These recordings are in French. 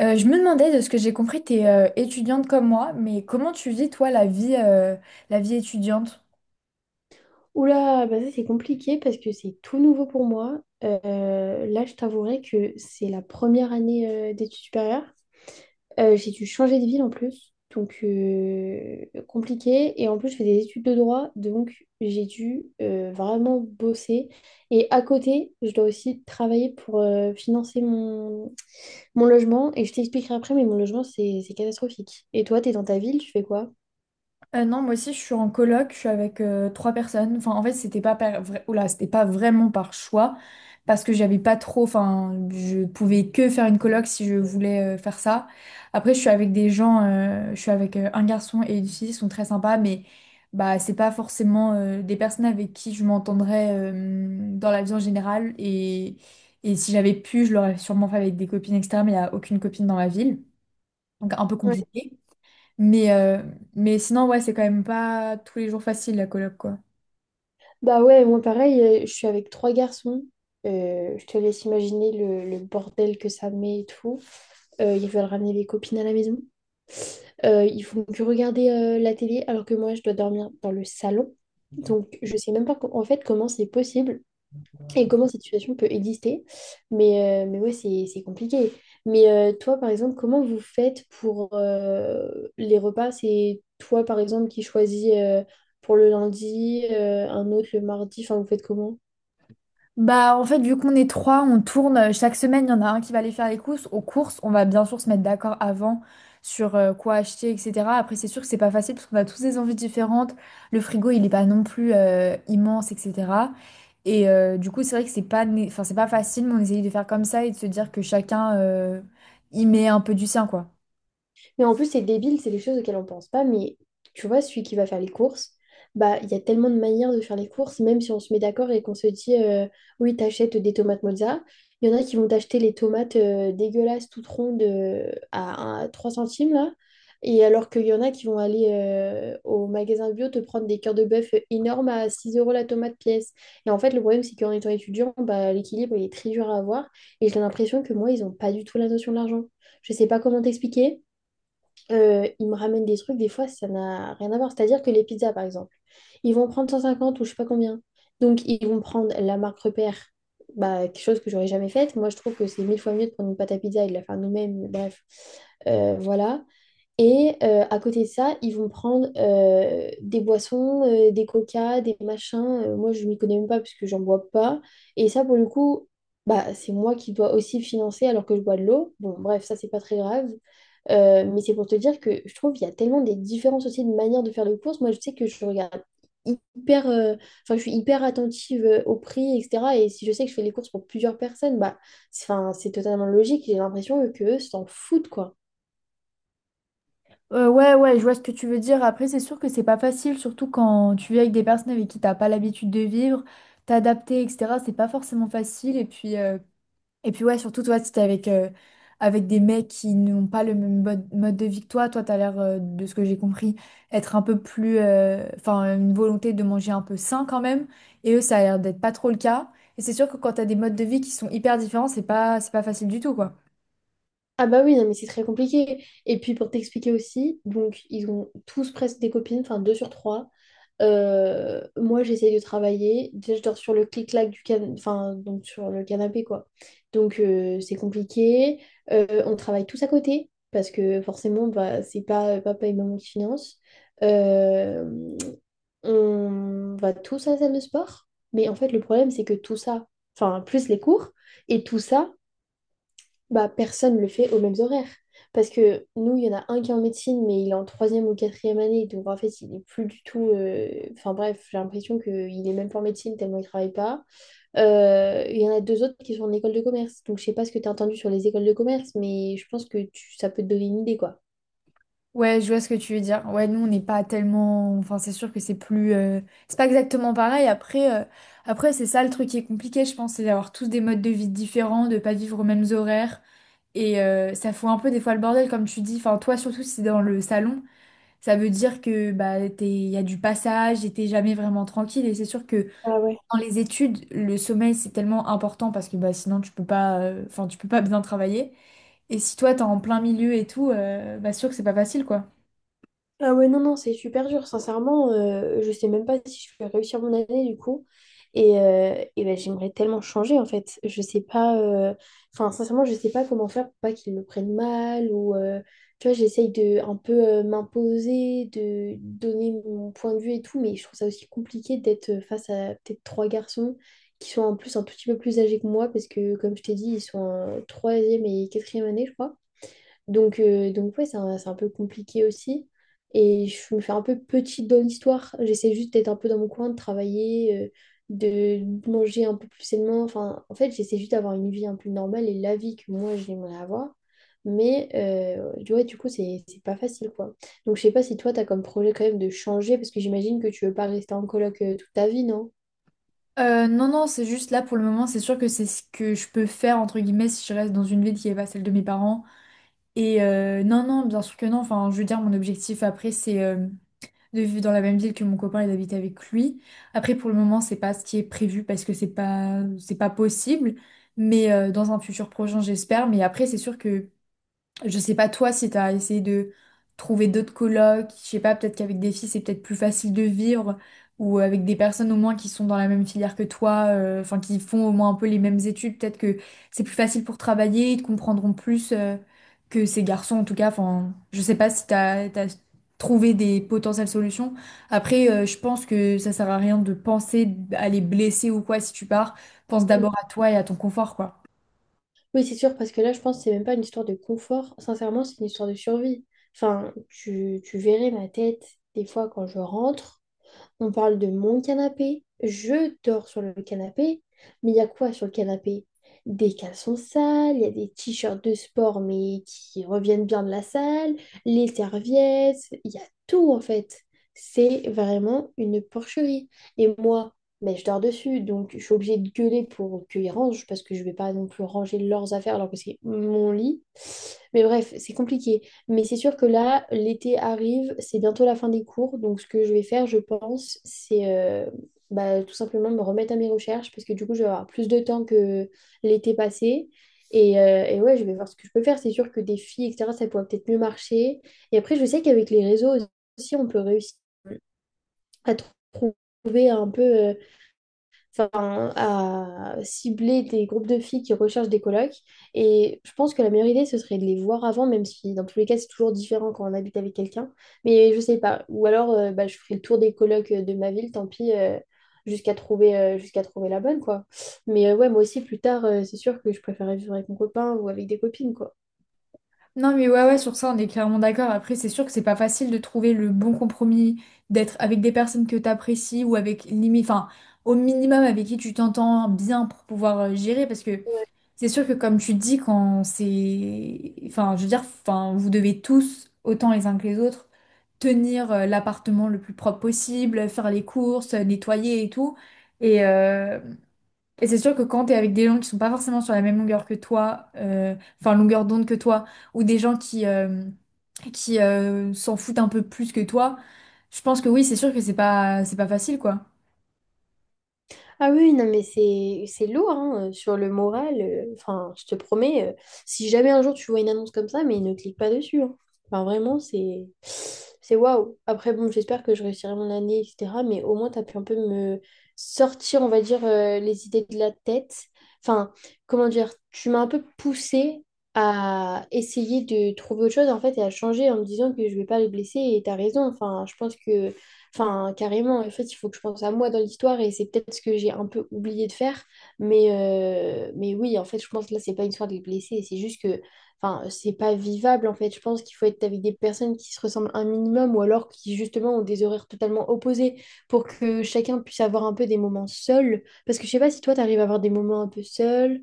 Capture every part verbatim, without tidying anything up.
Euh, je me demandais, de ce que j'ai compris, t'es es étudiante comme moi, mais comment tu vis, toi, la vie, euh, la vie étudiante? Oula, bah ça c'est compliqué parce que c'est tout nouveau pour moi. Euh, là, je t'avouerai que c'est la première année euh, d'études supérieures. Euh, j'ai dû changer de ville en plus, donc euh, compliqué. Et en plus, je fais des études de droit, donc j'ai dû euh, vraiment bosser. Et à côté, je dois aussi travailler pour euh, financer mon, mon logement. Et je t'expliquerai après, mais mon logement, c'est c'est catastrophique. Et toi, t'es dans ta ville, tu fais quoi? Euh, non, moi aussi, je suis en coloc, je suis avec euh, trois personnes. Enfin, en fait, c'était pas, par... vra- Oula, c'était pas vraiment par choix, parce que j'avais pas trop. Enfin, je pouvais que faire une coloc si je voulais euh, faire ça. Après, je suis avec des gens, euh, je suis avec euh, un garçon et une fille, ils sont très sympas, mais bah, c'est pas forcément euh, des personnes avec qui je m'entendrais euh, dans la vie en général. Et, et si j'avais pu, je l'aurais sûrement fait avec des copines, et cetera, mais il n'y a aucune copine dans ma ville, donc un peu compliqué. Mais, euh, mais sinon, ouais, c'est quand même pas tous les jours facile la coloc, quoi. Bah ouais, moi pareil, euh, je suis avec trois garçons. Euh, je te laisse imaginer le, le bordel que ça met et tout. Euh, ils veulent ramener les copines à la maison. Euh, ils font que regarder euh, la télé alors que moi je dois dormir dans le salon. Donc je sais même pas co- en fait comment c'est possible et comment cette situation peut exister. Mais, euh, mais ouais, c'est, c'est compliqué. Mais euh, toi, par exemple, comment vous faites pour euh, les repas? C'est toi, par exemple, qui choisis euh, pour le lundi, euh, un autre le mardi. Enfin, vous faites comment? Bah, en fait, vu qu'on est trois, on tourne. euh, Chaque semaine, il y en a un qui va aller faire les courses. Aux courses, on va bien sûr se mettre d'accord avant sur euh, quoi acheter, et cetera. Après, c'est sûr que c'est pas facile parce qu'on a tous des envies différentes. Le frigo, il est pas non plus euh, immense, et cetera. Et euh, du coup, c'est vrai que c'est pas, né- enfin, c'est pas facile, mais on essaye de faire comme ça et de se dire que chacun euh, y met un peu du sien, quoi. Mais en plus, c'est débile, c'est des choses auxquelles on pense pas. Mais tu vois, celui qui va faire les courses, bah, il y a tellement de manières de faire les courses, même si on se met d'accord et qu'on se dit, euh, oui, t'achètes des tomates mozza. Il y en a qui vont t'acheter les tomates euh, dégueulasses, toutes rondes, euh, à, à trois centimes, là. Et alors qu'il y en a qui vont aller euh, au magasin bio te prendre des cœurs de bœuf énormes à six euros la tomate pièce. Et en fait, le problème, c'est qu'en étant étudiant, bah, l'équilibre, il est très dur à avoir. Et j'ai l'impression que moi, ils n'ont pas du tout la notion de l'argent. Je sais pas comment t'expliquer, euh, ils me ramènent des trucs, des fois, ça n'a rien à voir. C'est-à-dire que les pizzas, par exemple, ils vont prendre cent cinquante ou je sais pas combien. Donc, ils vont prendre la marque repère, bah, quelque chose que j'aurais jamais faite. Moi, je trouve que c'est mille fois mieux de prendre une pâte à pizza et de la faire nous-mêmes. Bref, Euh, voilà. Et euh, à côté de ça, ils vont prendre euh, des boissons, euh, des coca, des machins. Euh, moi, je m'y connais même pas parce que j'en bois pas. Et ça, pour le coup, bah, c'est moi qui dois aussi financer alors que je bois de l'eau. Bon, bref, ça, c'est pas très grave. Euh, mais c'est pour te dire que je trouve qu'il y a tellement des différences aussi de manière de faire les courses. Moi, je sais que je regarde hyper, euh, enfin, je suis hyper attentive euh, au prix, et cetera. Et si je sais que je fais les courses pour plusieurs personnes, bah, c'est, enfin, c'est totalement logique. J'ai l'impression que eux s'en foutent, quoi. Euh, ouais, ouais, je vois ce que tu veux dire. Après, c'est sûr que c'est pas facile, surtout quand tu vis avec des personnes avec qui t'as pas l'habitude de vivre, t'adapter, et cetera. C'est pas forcément facile. Et puis, euh, et puis ouais, surtout toi, si t'es avec, euh, avec des mecs qui n'ont pas le même mode, mode de vie que toi, toi, t'as l'air, euh, de ce que j'ai compris, être un peu plus, euh, enfin, une volonté de manger un peu sain quand même. Et eux, ça a l'air d'être pas trop le cas. Et c'est sûr que quand t'as des modes de vie qui sont hyper différents, c'est pas, c'est pas facile du tout, quoi. Ah bah oui, non, mais c'est très compliqué. Et puis pour t'expliquer aussi, donc ils ont tous presque des copines, enfin deux sur trois. Euh, moi j'essaye de travailler. Déjà je dors sur le clic-clac du can... enfin, donc sur le canapé quoi. Donc euh, c'est compliqué. Euh, on travaille tous à côté parce que forcément bah, c'est pas euh, papa et maman qui financent. Euh, on va tous à la salle de sport. Mais en fait le problème c'est que tout ça, enfin plus les cours et tout ça. Bah, personne le fait aux mêmes horaires. Parce que nous, il y en a un qui est en médecine, mais il est en troisième ou quatrième année. Donc, en fait, il est plus du tout. euh, Enfin, bref, j'ai l'impression qu'il est même pas en médecine tellement il travaille pas. Euh, il y en a deux autres qui sont en école de commerce. Donc, je sais pas ce que tu as entendu sur les écoles de commerce, mais je pense que tu- ça peut te donner une idée, quoi. Ouais, je vois ce que tu veux dire. Ouais, nous, on n'est pas tellement... Enfin, c'est sûr que c'est plus... euh, C'est pas exactement pareil. Après, euh, après c'est ça le truc qui est compliqué, je pense, c'est d'avoir tous des modes de vie différents, de pas vivre aux mêmes horaires. Et euh, ça fout un peu des fois le bordel, comme tu dis. Enfin, toi, surtout si c'est dans le salon, ça veut dire que bah, t'es... y a du passage et t'es jamais vraiment tranquille. Et c'est sûr que Ah ouais. dans les études, le sommeil, c'est tellement important parce que bah, sinon, tu peux pas... euh, Enfin, tu peux pas bien travailler. Et si toi, t'es en plein milieu et tout, euh, bah, sûr que c'est pas facile, quoi. Ah ouais, non, non, c'est super dur. Sincèrement, euh, je sais même pas si je vais réussir mon année du coup. Et, euh, et ben, j'aimerais tellement changer en fait. Je sais pas. euh, Enfin, sincèrement, je sais pas comment faire pour pas qu'ils me prennent mal. Ou euh, tu vois, j'essaye de un peu euh, m'imposer, de donner mon point de vue et tout. Mais je trouve ça aussi compliqué d'être face à peut-être trois garçons qui sont en plus un tout petit peu plus âgés que moi. Parce que, comme je t'ai dit, ils sont en troisième et quatrième année, je crois. Donc, euh, donc ouais, c'est un, c'est un peu compliqué aussi. Et je me fais un peu petite dans l'histoire. J'essaie juste d'être un peu dans mon coin, de travailler, euh, de manger un peu plus sainement. Enfin, en fait, j'essaie juste d'avoir une vie un peu normale et la vie que moi, j'aimerais avoir. Mais euh, tu du coup, c'est c'est pas facile, quoi. Donc, je sais pas si toi, tu as comme projet quand même de changer, parce que j'imagine que tu veux pas rester en coloc euh, toute ta vie, non? Euh, non, non, c'est juste là pour le moment, c'est sûr que c'est ce que je peux faire, entre guillemets, si je reste dans une ville qui n'est pas celle de mes parents. Et euh, non, non, bien sûr que non. Enfin, je veux dire, mon objectif après, c'est euh, de vivre dans la même ville que mon copain et d'habiter avec lui. Après, pour le moment, c'est pas, ce qui est prévu parce que c'est pas, c'est pas possible. Mais euh, dans un futur prochain, j'espère. Mais après, c'est sûr que je sais pas toi si t'as essayé de trouver d'autres colocs, je sais pas, peut-être qu'avec des filles c'est peut-être plus facile de vivre, ou euh, avec des personnes au moins qui sont dans la même filière que toi, euh, enfin qui font au moins un peu les mêmes études, peut-être que c'est plus facile pour travailler, ils te comprendront plus euh, que ces garçons en tout cas, enfin je sais pas si t'as, t'as trouvé des potentielles solutions. Après euh, je pense que ça sert à rien de penser à les blesser ou quoi si tu pars, pense d'abord à toi et à ton confort quoi. Oui, c'est sûr, parce que là, je pense que c'est même pas une histoire de confort. Sincèrement, c'est une histoire de survie. Enfin, tu, tu verrais ma tête des fois quand je rentre. On parle de mon canapé. Je dors sur le canapé. Mais il y a quoi sur le canapé? Des caleçons sales, il y a des t-shirts de sport mais qui reviennent bien de la salle, les serviettes, il y a tout en fait. C'est vraiment une porcherie. Et moi, mais je dors dessus, donc je suis obligée de gueuler pour qu'ils rangent parce que je vais pas non plus ranger leurs affaires alors que c'est mon lit. Mais bref, c'est compliqué. Mais c'est sûr que là, l'été arrive, c'est bientôt la fin des cours. Donc, ce que je vais faire, je pense, c'est euh, bah, tout simplement me remettre à mes recherches parce que du coup, je vais avoir plus de temps que l'été passé. Et, euh, et ouais, je vais voir ce que je peux faire. C'est sûr que des filles, et cetera, ça pourrait peut-être mieux marcher. Et après, je sais qu'avec les réseaux aussi, on peut réussir à trouver un peu. Euh, enfin, à cibler des groupes de filles qui recherchent des colocs. Et je pense que la meilleure idée, ce serait de les voir avant, même si dans tous les cas, c'est toujours différent quand on habite avec quelqu'un. Mais je sais pas. Ou alors, euh, bah, je ferai le tour des colocs euh, de ma ville, tant pis, euh, jusqu'à trouver, euh, jusqu'à trouver la bonne, quoi. Mais euh, ouais, moi aussi, plus tard, euh, c'est sûr que je préférais vivre avec mon copain ou avec des copines, quoi. Non, mais ouais, ouais, sur ça, on est clairement d'accord. Après, c'est sûr que c'est pas facile de trouver le bon compromis, d'être avec des personnes que t'apprécies ou avec limite, enfin, au minimum avec qui tu t'entends bien pour pouvoir euh, gérer. Parce que c'est sûr que, comme tu dis, quand c'est. Enfin, je veux dire, enfin, vous devez tous, autant les uns que les autres, tenir euh, l'appartement le plus propre possible, faire les courses, nettoyer et tout. Et, euh, et c'est sûr que quand tu es avec des gens qui sont pas forcément sur la même longueur que toi, euh, enfin longueur d'onde que toi, ou des gens qui, euh, qui euh, s'en foutent un peu plus que toi, je pense que oui, c'est sûr que c'est pas, c'est pas facile, quoi. Ah oui, non, mais c'est c'est lourd hein, euh, sur le moral. euh, Enfin, je te promets, euh, si jamais un jour tu vois une annonce comme ça, mais ne clique pas dessus. Hein. Enfin, vraiment, c'est c'est waouh. Après, bon, j'espère que je réussirai mon année, et cetera. Mais au moins, tu as pu un peu me sortir, on va dire, euh, les idées de la tête. Enfin, comment dire, tu m'as un peu poussé à essayer de trouver autre chose, en fait, et à changer en me disant que je vais pas les blesser. Et tu as raison. Enfin, je pense que enfin, carrément, en fait, il faut que je pense à moi dans l'histoire et c'est peut-être ce que j'ai un peu oublié de faire. Mais, euh, mais oui, en fait, je pense que là, c'est pas une histoire de blessés, c'est juste que enfin, c'est pas vivable. En fait, je pense qu'il faut être avec des personnes qui se ressemblent un minimum ou alors qui, justement, ont des horaires totalement opposés pour que chacun puisse avoir un peu des moments seuls. Parce que je sais pas si toi, t'arrives à avoir des moments un peu seuls.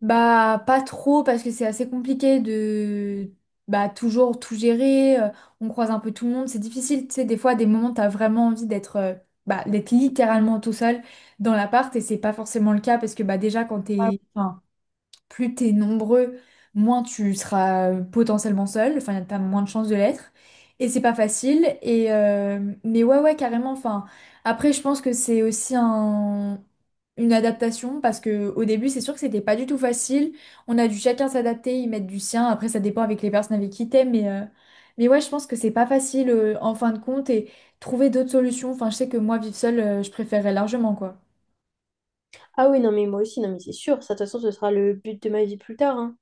Bah, pas trop, parce que c'est assez compliqué de bah, toujours tout gérer, euh, on croise un peu tout le monde, c'est difficile, tu sais, des fois, des moments, t'as vraiment envie d'être euh, bah, d'être littéralement tout seul dans l'appart, et c'est pas forcément le cas, parce que bah, déjà, quand t'es... Enfin, plus t'es nombreux, moins tu seras euh, potentiellement seul, enfin t'as moins de chances de l'être. Et c'est pas facile. Et euh, mais ouais ouais carrément. Enfin après je pense que c'est aussi un une adaptation parce que au début c'est sûr que c'était pas du tout facile. On a dû chacun s'adapter, y mettre du sien. Après ça dépend avec les personnes avec qui t'es, mais euh, mais ouais je pense que c'est pas facile euh, en fin de compte et trouver d'autres solutions. Enfin je sais que moi vivre seule euh, je préférerais largement quoi. Ah oui, non, mais moi aussi, non, mais c'est sûr, ça, de toute façon, ce sera le but de ma vie plus tard. Hein.